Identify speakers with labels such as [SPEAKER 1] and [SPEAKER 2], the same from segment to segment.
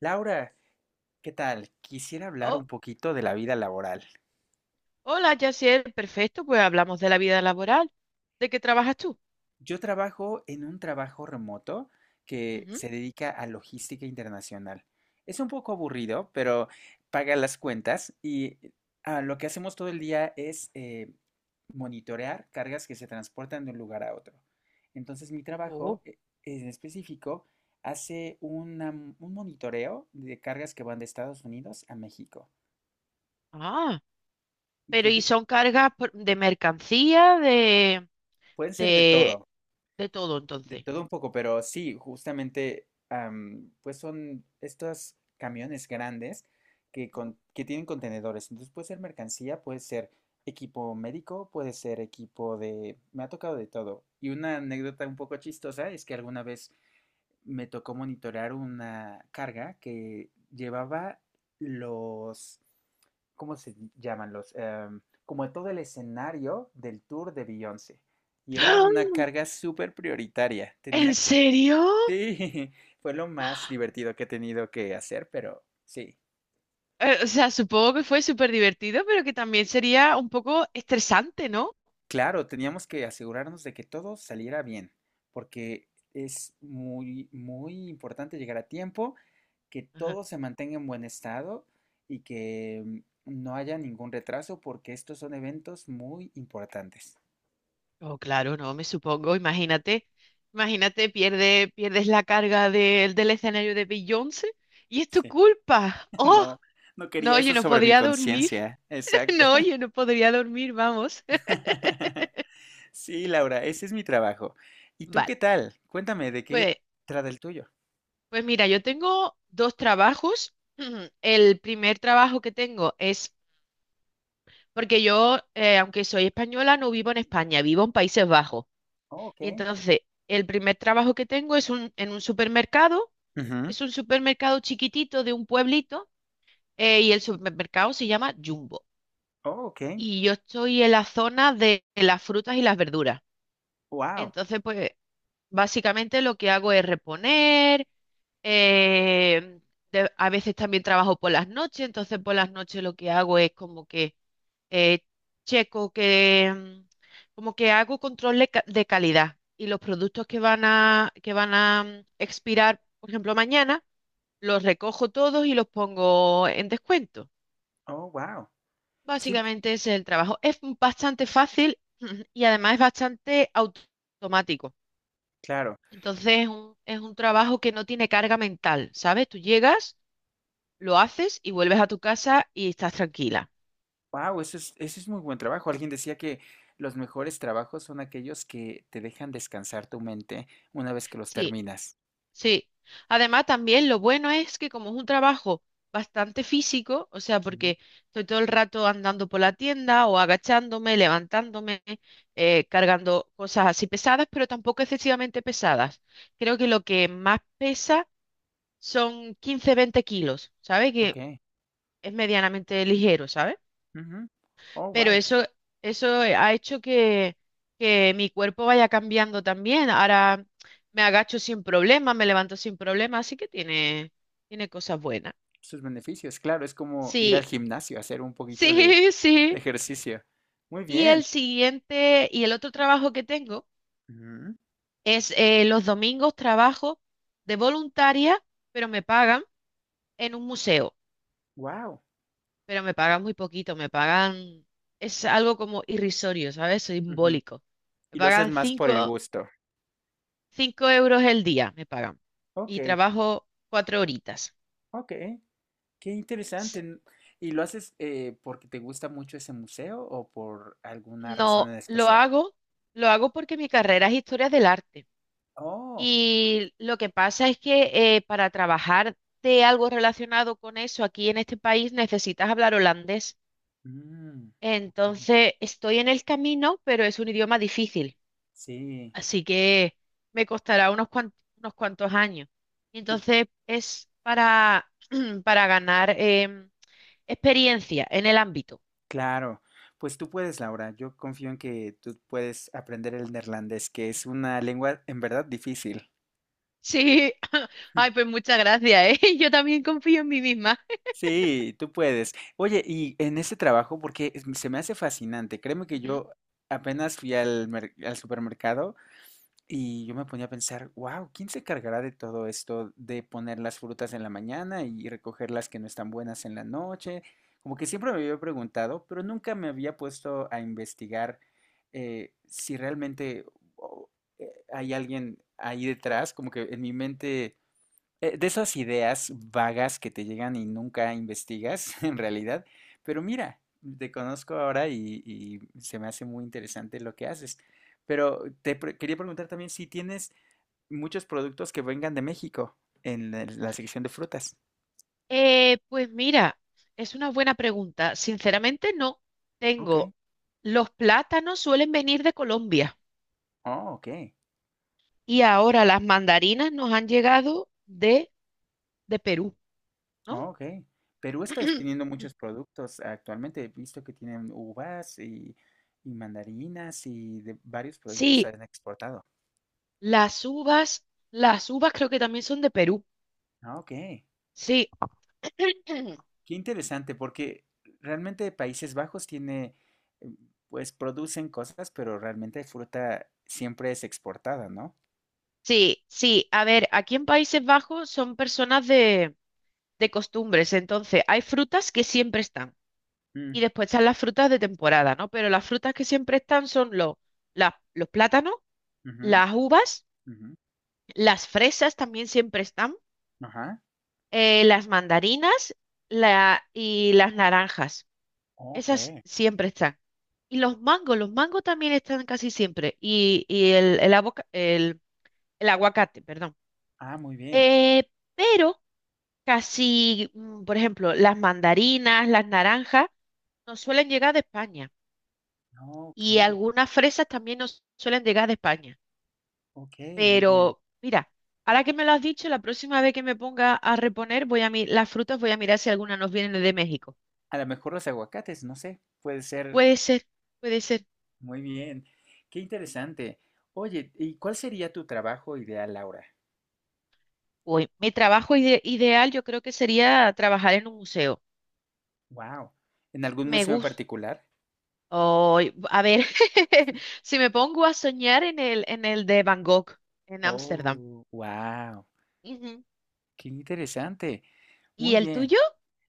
[SPEAKER 1] Laura, ¿qué tal? Quisiera hablar
[SPEAKER 2] Oh,
[SPEAKER 1] un poquito de la vida laboral.
[SPEAKER 2] hola, Yaciel, perfecto, pues hablamos de la vida laboral. ¿De qué trabajas tú?
[SPEAKER 1] Yo trabajo en un trabajo remoto que
[SPEAKER 2] Ujú.
[SPEAKER 1] se dedica a logística internacional. Es un poco aburrido, pero paga las cuentas y lo que hacemos todo el día es monitorear cargas que se transportan de un lugar a otro. Entonces, mi
[SPEAKER 2] Oh,
[SPEAKER 1] trabajo en específico hace una un monitoreo de cargas que van de Estados Unidos a México.
[SPEAKER 2] ah,
[SPEAKER 1] Y
[SPEAKER 2] pero
[SPEAKER 1] tú
[SPEAKER 2] ¿y
[SPEAKER 1] qué-
[SPEAKER 2] son cargas de mercancía,
[SPEAKER 1] Pueden ser de
[SPEAKER 2] de,
[SPEAKER 1] todo.
[SPEAKER 2] de todo
[SPEAKER 1] De
[SPEAKER 2] entonces?
[SPEAKER 1] todo un poco, pero sí, justamente, pues son estos camiones grandes
[SPEAKER 2] Ujú.
[SPEAKER 1] que tienen contenedores. Entonces puede ser mercancía, puede ser equipo médico, puede ser equipo de... Me ha tocado de todo. Y una anécdota un poco chistosa es que alguna vez me tocó monitorear una carga que llevaba los, ¿cómo se llaman? Los, como todo el escenario del tour de Beyoncé. Y era una
[SPEAKER 2] ¡Ah!
[SPEAKER 1] carga súper prioritaria. Tenía
[SPEAKER 2] ¿En
[SPEAKER 1] que...
[SPEAKER 2] serio?
[SPEAKER 1] Sí, fue lo más divertido que he tenido que hacer, pero sí.
[SPEAKER 2] O sea, supongo que fue súper divertido, pero que también sería un poco estresante, ¿no?
[SPEAKER 1] Claro, teníamos que asegurarnos de que todo saliera bien, porque es muy, muy importante llegar a tiempo, que
[SPEAKER 2] Ajá.
[SPEAKER 1] todo se mantenga en buen estado y que no haya ningún retraso, porque estos son eventos muy importantes.
[SPEAKER 2] Oh, claro, no, me supongo, imagínate, imagínate, pierdes la carga del escenario de Beyoncé y es tu
[SPEAKER 1] Sí,
[SPEAKER 2] culpa. ¡Oh!
[SPEAKER 1] no, no
[SPEAKER 2] No,
[SPEAKER 1] quería
[SPEAKER 2] oye,
[SPEAKER 1] eso
[SPEAKER 2] no
[SPEAKER 1] sobre mi
[SPEAKER 2] podría dormir.
[SPEAKER 1] conciencia. Exacto.
[SPEAKER 2] No, oye, no podría dormir, vamos.
[SPEAKER 1] Sí, Laura, ese es mi trabajo. ¿Y tú
[SPEAKER 2] Vale,
[SPEAKER 1] qué tal? Cuéntame de qué
[SPEAKER 2] pues,
[SPEAKER 1] trata el tuyo.
[SPEAKER 2] pues mira, yo tengo dos trabajos. El primer trabajo que tengo es, porque yo, aunque soy española, no vivo en España, vivo en Países Bajos.
[SPEAKER 1] Oh, ok.
[SPEAKER 2] Y entonces, el primer trabajo que tengo es en un supermercado,
[SPEAKER 1] Ujú.
[SPEAKER 2] es un supermercado chiquitito de un pueblito, y el supermercado se llama Jumbo.
[SPEAKER 1] Oh, ok.
[SPEAKER 2] Y yo estoy en la zona de las frutas y las verduras.
[SPEAKER 1] Wow.
[SPEAKER 2] Entonces, pues básicamente lo que hago es reponer, eh, a veces también trabajo por las noches, entonces por las noches lo que hago es como que eh, checo que, como que hago control de calidad y los productos que van a expirar, por ejemplo, mañana, los recojo todos y los pongo en descuento.
[SPEAKER 1] Oh, wow.
[SPEAKER 2] Básicamente ese es el trabajo. Es bastante fácil y además es bastante automático.
[SPEAKER 1] Claro.
[SPEAKER 2] Entonces es un trabajo que no tiene carga mental, ¿sabes? Tú llegas, lo haces y vuelves a tu casa y estás tranquila.
[SPEAKER 1] Wow, eso es muy buen trabajo. Alguien decía que los mejores trabajos son aquellos que te dejan descansar tu mente una vez que los
[SPEAKER 2] Sí,
[SPEAKER 1] terminas.
[SPEAKER 2] sí. Además, también lo bueno es que como es un trabajo bastante físico, o sea,
[SPEAKER 1] Ujú,
[SPEAKER 2] porque estoy todo el rato andando por la tienda o agachándome, levantándome, cargando cosas así pesadas, pero tampoco excesivamente pesadas. Creo que lo que más pesa son 15-20 kilos, ¿sabes?
[SPEAKER 1] ok.
[SPEAKER 2] Que es medianamente ligero, ¿sabes?
[SPEAKER 1] Ujú. Oh,
[SPEAKER 2] Pero
[SPEAKER 1] wow.
[SPEAKER 2] eso ha hecho que mi cuerpo vaya cambiando también. Ahora me agacho sin problema, me levanto sin problema, así que tiene cosas buenas.
[SPEAKER 1] Sus beneficios. Claro, es como ir al
[SPEAKER 2] Sí,
[SPEAKER 1] gimnasio, hacer un poquito
[SPEAKER 2] sí,
[SPEAKER 1] de
[SPEAKER 2] sí.
[SPEAKER 1] ejercicio. Muy
[SPEAKER 2] Y el
[SPEAKER 1] bien.
[SPEAKER 2] siguiente, y el otro trabajo que tengo
[SPEAKER 1] Ujú,
[SPEAKER 2] es, los domingos trabajo de voluntaria, pero me pagan en un museo,
[SPEAKER 1] wow.
[SPEAKER 2] pero me pagan muy poquito, me pagan, es algo como irrisorio, ¿sabes?
[SPEAKER 1] Ujú.
[SPEAKER 2] Simbólico. Me
[SPEAKER 1] Y lo haces
[SPEAKER 2] pagan
[SPEAKER 1] más por el
[SPEAKER 2] cinco
[SPEAKER 1] gusto.
[SPEAKER 2] 5 euros el día me pagan
[SPEAKER 1] Ok,
[SPEAKER 2] y trabajo 4 horitas.
[SPEAKER 1] ok. Qué interesante.
[SPEAKER 2] S-
[SPEAKER 1] ¿Y lo haces porque te gusta mucho ese museo o por alguna razón
[SPEAKER 2] No,
[SPEAKER 1] en
[SPEAKER 2] lo
[SPEAKER 1] especial?
[SPEAKER 2] hago, lo hago porque mi carrera es historia del arte.
[SPEAKER 1] Oh.
[SPEAKER 2] Y lo que pasa es que para trabajar de algo relacionado con eso aquí en este país necesitas hablar holandés.
[SPEAKER 1] Mm, ok,
[SPEAKER 2] Entonces estoy en el camino, pero es un idioma difícil.
[SPEAKER 1] sí,
[SPEAKER 2] Así que me costará unos cuantos años.
[SPEAKER 1] tú,
[SPEAKER 2] Entonces es para, para ganar experiencia en el ámbito.
[SPEAKER 1] claro. Pues tú puedes, Laura. Yo confío en que tú puedes aprender el neerlandés, que es una lengua en verdad difícil.
[SPEAKER 2] Sí, ay, pues muchas gracias, ¿eh? Yo también confío en mí misma.
[SPEAKER 1] Sí, tú puedes. Oye, y en ese trabajo, porque se me hace fascinante, créeme que
[SPEAKER 2] Ujú.
[SPEAKER 1] yo apenas fui al, al supermercado. Y yo me ponía a pensar, wow, ¿quién se cargará de todo esto de poner las frutas en la mañana y recoger las que no están buenas en la noche? Como que siempre me había preguntado, pero nunca me había puesto a investigar si realmente o- hay alguien ahí detrás, como que en mi mente de esas ideas vagas que te llegan y nunca investigas en realidad, pero mira, te conozco ahora y se me hace muy interesante lo que haces. Pero te quería preguntar también si tienes muchos productos que vengan de México en la, la sección de frutas.
[SPEAKER 2] Pues mira, es una buena pregunta. Sinceramente no
[SPEAKER 1] Ok.
[SPEAKER 2] tengo. Los plátanos suelen venir de Colombia
[SPEAKER 1] Oh, ok.
[SPEAKER 2] y ahora las mandarinas nos han llegado de Perú, ¿no?
[SPEAKER 1] Oh, ok. Perú está teniendo muchos productos actualmente. He visto que tienen uvas y mandarinas y de varios productos se
[SPEAKER 2] Sí,
[SPEAKER 1] han exportado.
[SPEAKER 2] las uvas, las uvas creo que también son de Perú.
[SPEAKER 1] Ah, ok.
[SPEAKER 2] Sí,
[SPEAKER 1] Qué interesante, porque realmente Países Bajos tiene, eh, pues producen cosas, pero realmente fruta siempre es exportada, ¿no?
[SPEAKER 2] sí, sí. A ver, aquí en Países Bajos son personas de costumbres. Entonces, hay frutas que siempre están
[SPEAKER 1] Mm,
[SPEAKER 2] y después están las frutas de temporada, ¿no? Pero las frutas que siempre están son los plátanos,
[SPEAKER 1] ujú,
[SPEAKER 2] las uvas,
[SPEAKER 1] ujú,
[SPEAKER 2] las fresas también siempre están,
[SPEAKER 1] ajá.
[SPEAKER 2] las mandarinas y las naranjas.
[SPEAKER 1] Ok.
[SPEAKER 2] Esas siempre están. Y los mangos también están casi siempre. Y el aguacate, perdón.
[SPEAKER 1] Ah, muy bien.
[SPEAKER 2] Eh, pero casi, por ejemplo, las mandarinas, las naranjas nos suelen llegar de España
[SPEAKER 1] Ah, ok,
[SPEAKER 2] y algunas fresas también nos suelen llegar de España.
[SPEAKER 1] ok, muy
[SPEAKER 2] Pero
[SPEAKER 1] bien.
[SPEAKER 2] mira, ahora que me lo has dicho, la próxima vez que me ponga a reponer, las frutas voy a mirar si alguna nos viene de México.
[SPEAKER 1] A lo mejor los aguacates, no sé, puede ser
[SPEAKER 2] Puede ser, puede ser.
[SPEAKER 1] muy bien. Qué interesante. Oye, ¿y cuál sería tu trabajo ideal, Laura?
[SPEAKER 2] Uy, mi trabajo ideal yo creo que sería trabajar en un museo.
[SPEAKER 1] Wow. ¿En algún
[SPEAKER 2] Me
[SPEAKER 1] museo en
[SPEAKER 2] gusta.
[SPEAKER 1] particular?
[SPEAKER 2] Ay, a ver, si me pongo a soñar en el de Van Gogh, en Ámsterdam.
[SPEAKER 1] Oh, wow.
[SPEAKER 2] Ujú.
[SPEAKER 1] Qué interesante. Muy
[SPEAKER 2] ¿Y el
[SPEAKER 1] bien.
[SPEAKER 2] tuyo?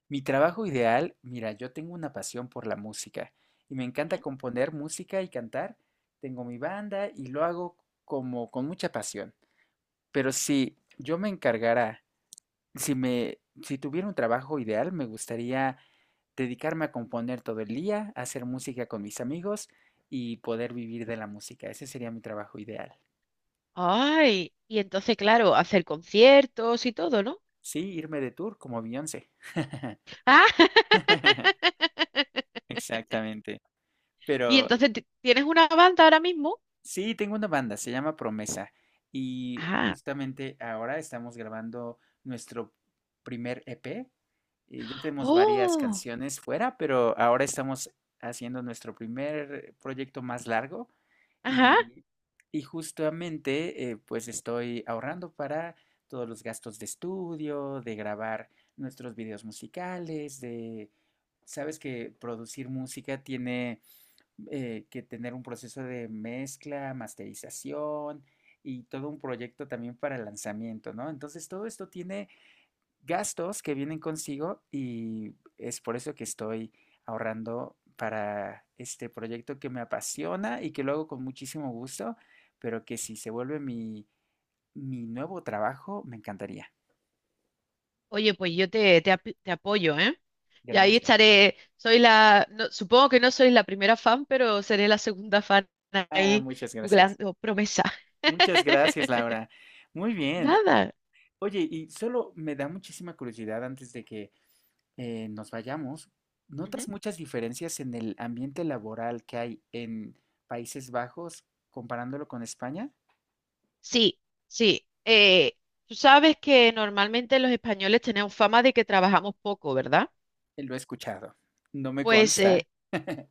[SPEAKER 1] Mi trabajo ideal, mira, yo tengo una pasión por la música y me encanta componer música y cantar. Tengo mi banda y lo hago como con mucha pasión. Pero si yo me encargara, si me, si tuviera un trabajo ideal, me gustaría dedicarme a componer todo el día, hacer música con mis amigos y poder vivir de la música. Ese sería mi trabajo ideal.
[SPEAKER 2] Ay, y entonces, claro, hacer conciertos y todo, ¿no?
[SPEAKER 1] Sí, irme de tour como Beyoncé.
[SPEAKER 2] Ah,
[SPEAKER 1] Exactamente.
[SPEAKER 2] y
[SPEAKER 1] Pero
[SPEAKER 2] entonces tienes una banda ahora mismo.
[SPEAKER 1] sí, tengo una banda, se llama Promesa y
[SPEAKER 2] Ah,
[SPEAKER 1] justamente ahora estamos grabando nuestro primer EP, y ya tenemos varias
[SPEAKER 2] oh,
[SPEAKER 1] canciones fuera, pero ahora estamos haciendo nuestro primer proyecto más largo
[SPEAKER 2] ajá.
[SPEAKER 1] y, y justamente pues estoy ahorrando para todos los gastos de estudio, de grabar nuestros videos musicales, de... Sabes que producir música tiene que tener un proceso de mezcla, masterización y todo un proyecto también para lanzamiento, ¿no? Entonces todo esto tiene gastos que vienen consigo y es por eso que estoy ahorrando para este proyecto que me apasiona y que lo hago con muchísimo gusto, pero que si se vuelve mi, mi nuevo trabajo, me encantaría.
[SPEAKER 2] Oye, pues yo te apoyo, ¿eh? Y ahí
[SPEAKER 1] Gracias.
[SPEAKER 2] estaré. Soy la, no- Supongo que no soy la primera fan, pero seré la segunda fan
[SPEAKER 1] Ah,
[SPEAKER 2] ahí
[SPEAKER 1] muchas gracias.
[SPEAKER 2] googleando promesa.
[SPEAKER 1] Muchas gracias, Laura. Muy bien. O-
[SPEAKER 2] Nada.
[SPEAKER 1] Oye, y solo me da muchísima curiosidad antes de que nos vayamos, ¿notas
[SPEAKER 2] Ujú.
[SPEAKER 1] muchas diferencias en el ambiente laboral que hay en Países Bajos comparándolo con España?
[SPEAKER 2] Sí, sí. Tú sabes que normalmente los españoles tenemos fama de que trabajamos poco, ¿verdad?
[SPEAKER 1] Lo he escuchado. No me
[SPEAKER 2] Pues
[SPEAKER 1] consta.
[SPEAKER 2] eh,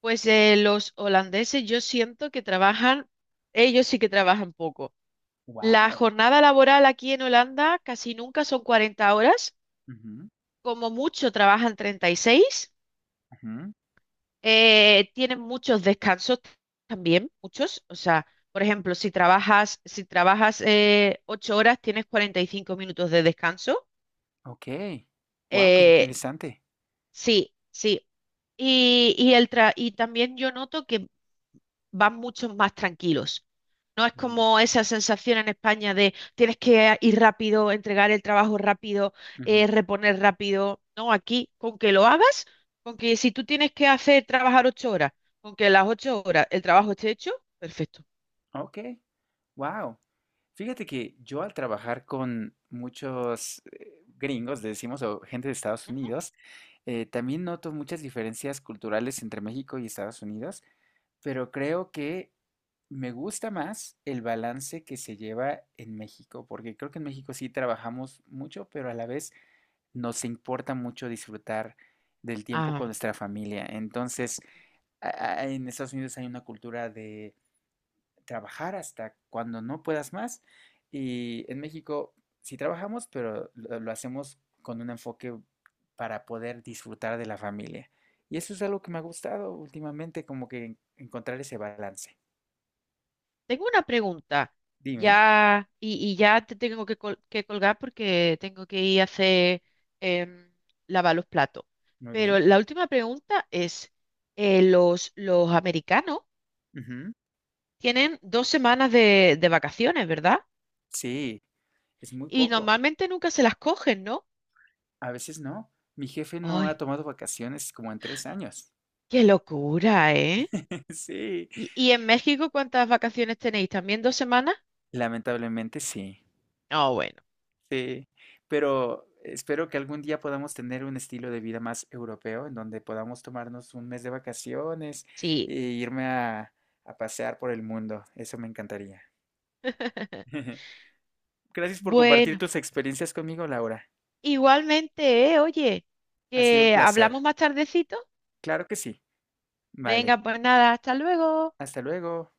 [SPEAKER 2] Pues los holandeses yo siento que trabajan, ellos sí que trabajan poco. La
[SPEAKER 1] Wow.
[SPEAKER 2] jornada laboral aquí en Holanda casi nunca son 40 horas, como mucho trabajan 36, tienen muchos descansos también, muchos. O sea, por ejemplo, si trabajas 8 horas, tienes 45 minutos de descanso.
[SPEAKER 1] Ok. Wow, qué
[SPEAKER 2] Eh,
[SPEAKER 1] interesante.
[SPEAKER 2] sí, sí. Y también yo noto que van mucho más tranquilos. No es
[SPEAKER 1] Mm,
[SPEAKER 2] como esa sensación en España de tienes que ir rápido, entregar el trabajo rápido,
[SPEAKER 1] ujú.
[SPEAKER 2] reponer rápido. No, aquí con que lo hagas, con que si tú tienes que hacer trabajar 8 horas, con que las 8 horas el trabajo esté hecho, perfecto.
[SPEAKER 1] Ok. Wow. Fíjate que yo al trabajar con muchos gringos, le decimos, o gente de Estados
[SPEAKER 2] Ujú.
[SPEAKER 1] Unidos, también noto muchas diferencias culturales entre México y Estados Unidos. Pero creo que me gusta más el balance que se lleva en México, porque creo que en México sí trabajamos mucho, pero a la vez nos importa mucho disfrutar del tiempo
[SPEAKER 2] Ah,
[SPEAKER 1] con nuestra familia. Entonces, a- en Estados Unidos hay una cultura de trabajar hasta cuando no puedas más, y en México sí trabajamos, pero lo hacemos con un enfoque para poder disfrutar de la familia. Y eso es algo que me ha gustado últimamente, como que encontrar ese balance.
[SPEAKER 2] tengo una pregunta,
[SPEAKER 1] Dime,
[SPEAKER 2] ya, y ya te tengo que colgar porque tengo que ir a hacer, em, lavar los platos.
[SPEAKER 1] muy
[SPEAKER 2] Pero
[SPEAKER 1] bien.
[SPEAKER 2] la última pregunta es, los americanos
[SPEAKER 1] Ujú.
[SPEAKER 2] tienen 2 semanas de vacaciones, ¿verdad?
[SPEAKER 1] Sí, es muy
[SPEAKER 2] Y
[SPEAKER 1] poco.
[SPEAKER 2] normalmente nunca se las cogen, ¿no?
[SPEAKER 1] A veces no. Mi jefe no ha
[SPEAKER 2] ¡Ay,
[SPEAKER 1] tomado vacaciones como en tres años.
[SPEAKER 2] qué locura, eh!
[SPEAKER 1] Sí,
[SPEAKER 2] ¿Y en México cuántas vacaciones tenéis? ¿También 2 semanas?
[SPEAKER 1] lamentablemente sí.
[SPEAKER 2] Ah, bueno,
[SPEAKER 1] Sí, pero espero que algún día podamos tener un estilo de vida más europeo en donde podamos tomarnos un mes de vacaciones
[SPEAKER 2] sí.
[SPEAKER 1] e irme a pasear por el mundo. Eso me encantaría. Gracias por compartir
[SPEAKER 2] Bueno.
[SPEAKER 1] tus experiencias conmigo, Laura.
[SPEAKER 2] Igualmente, oye,
[SPEAKER 1] Ha sido un
[SPEAKER 2] que
[SPEAKER 1] placer.
[SPEAKER 2] hablamos más tardecito.
[SPEAKER 1] Claro que sí. Vale,
[SPEAKER 2] Venga, pues nada, hasta luego.
[SPEAKER 1] hasta luego.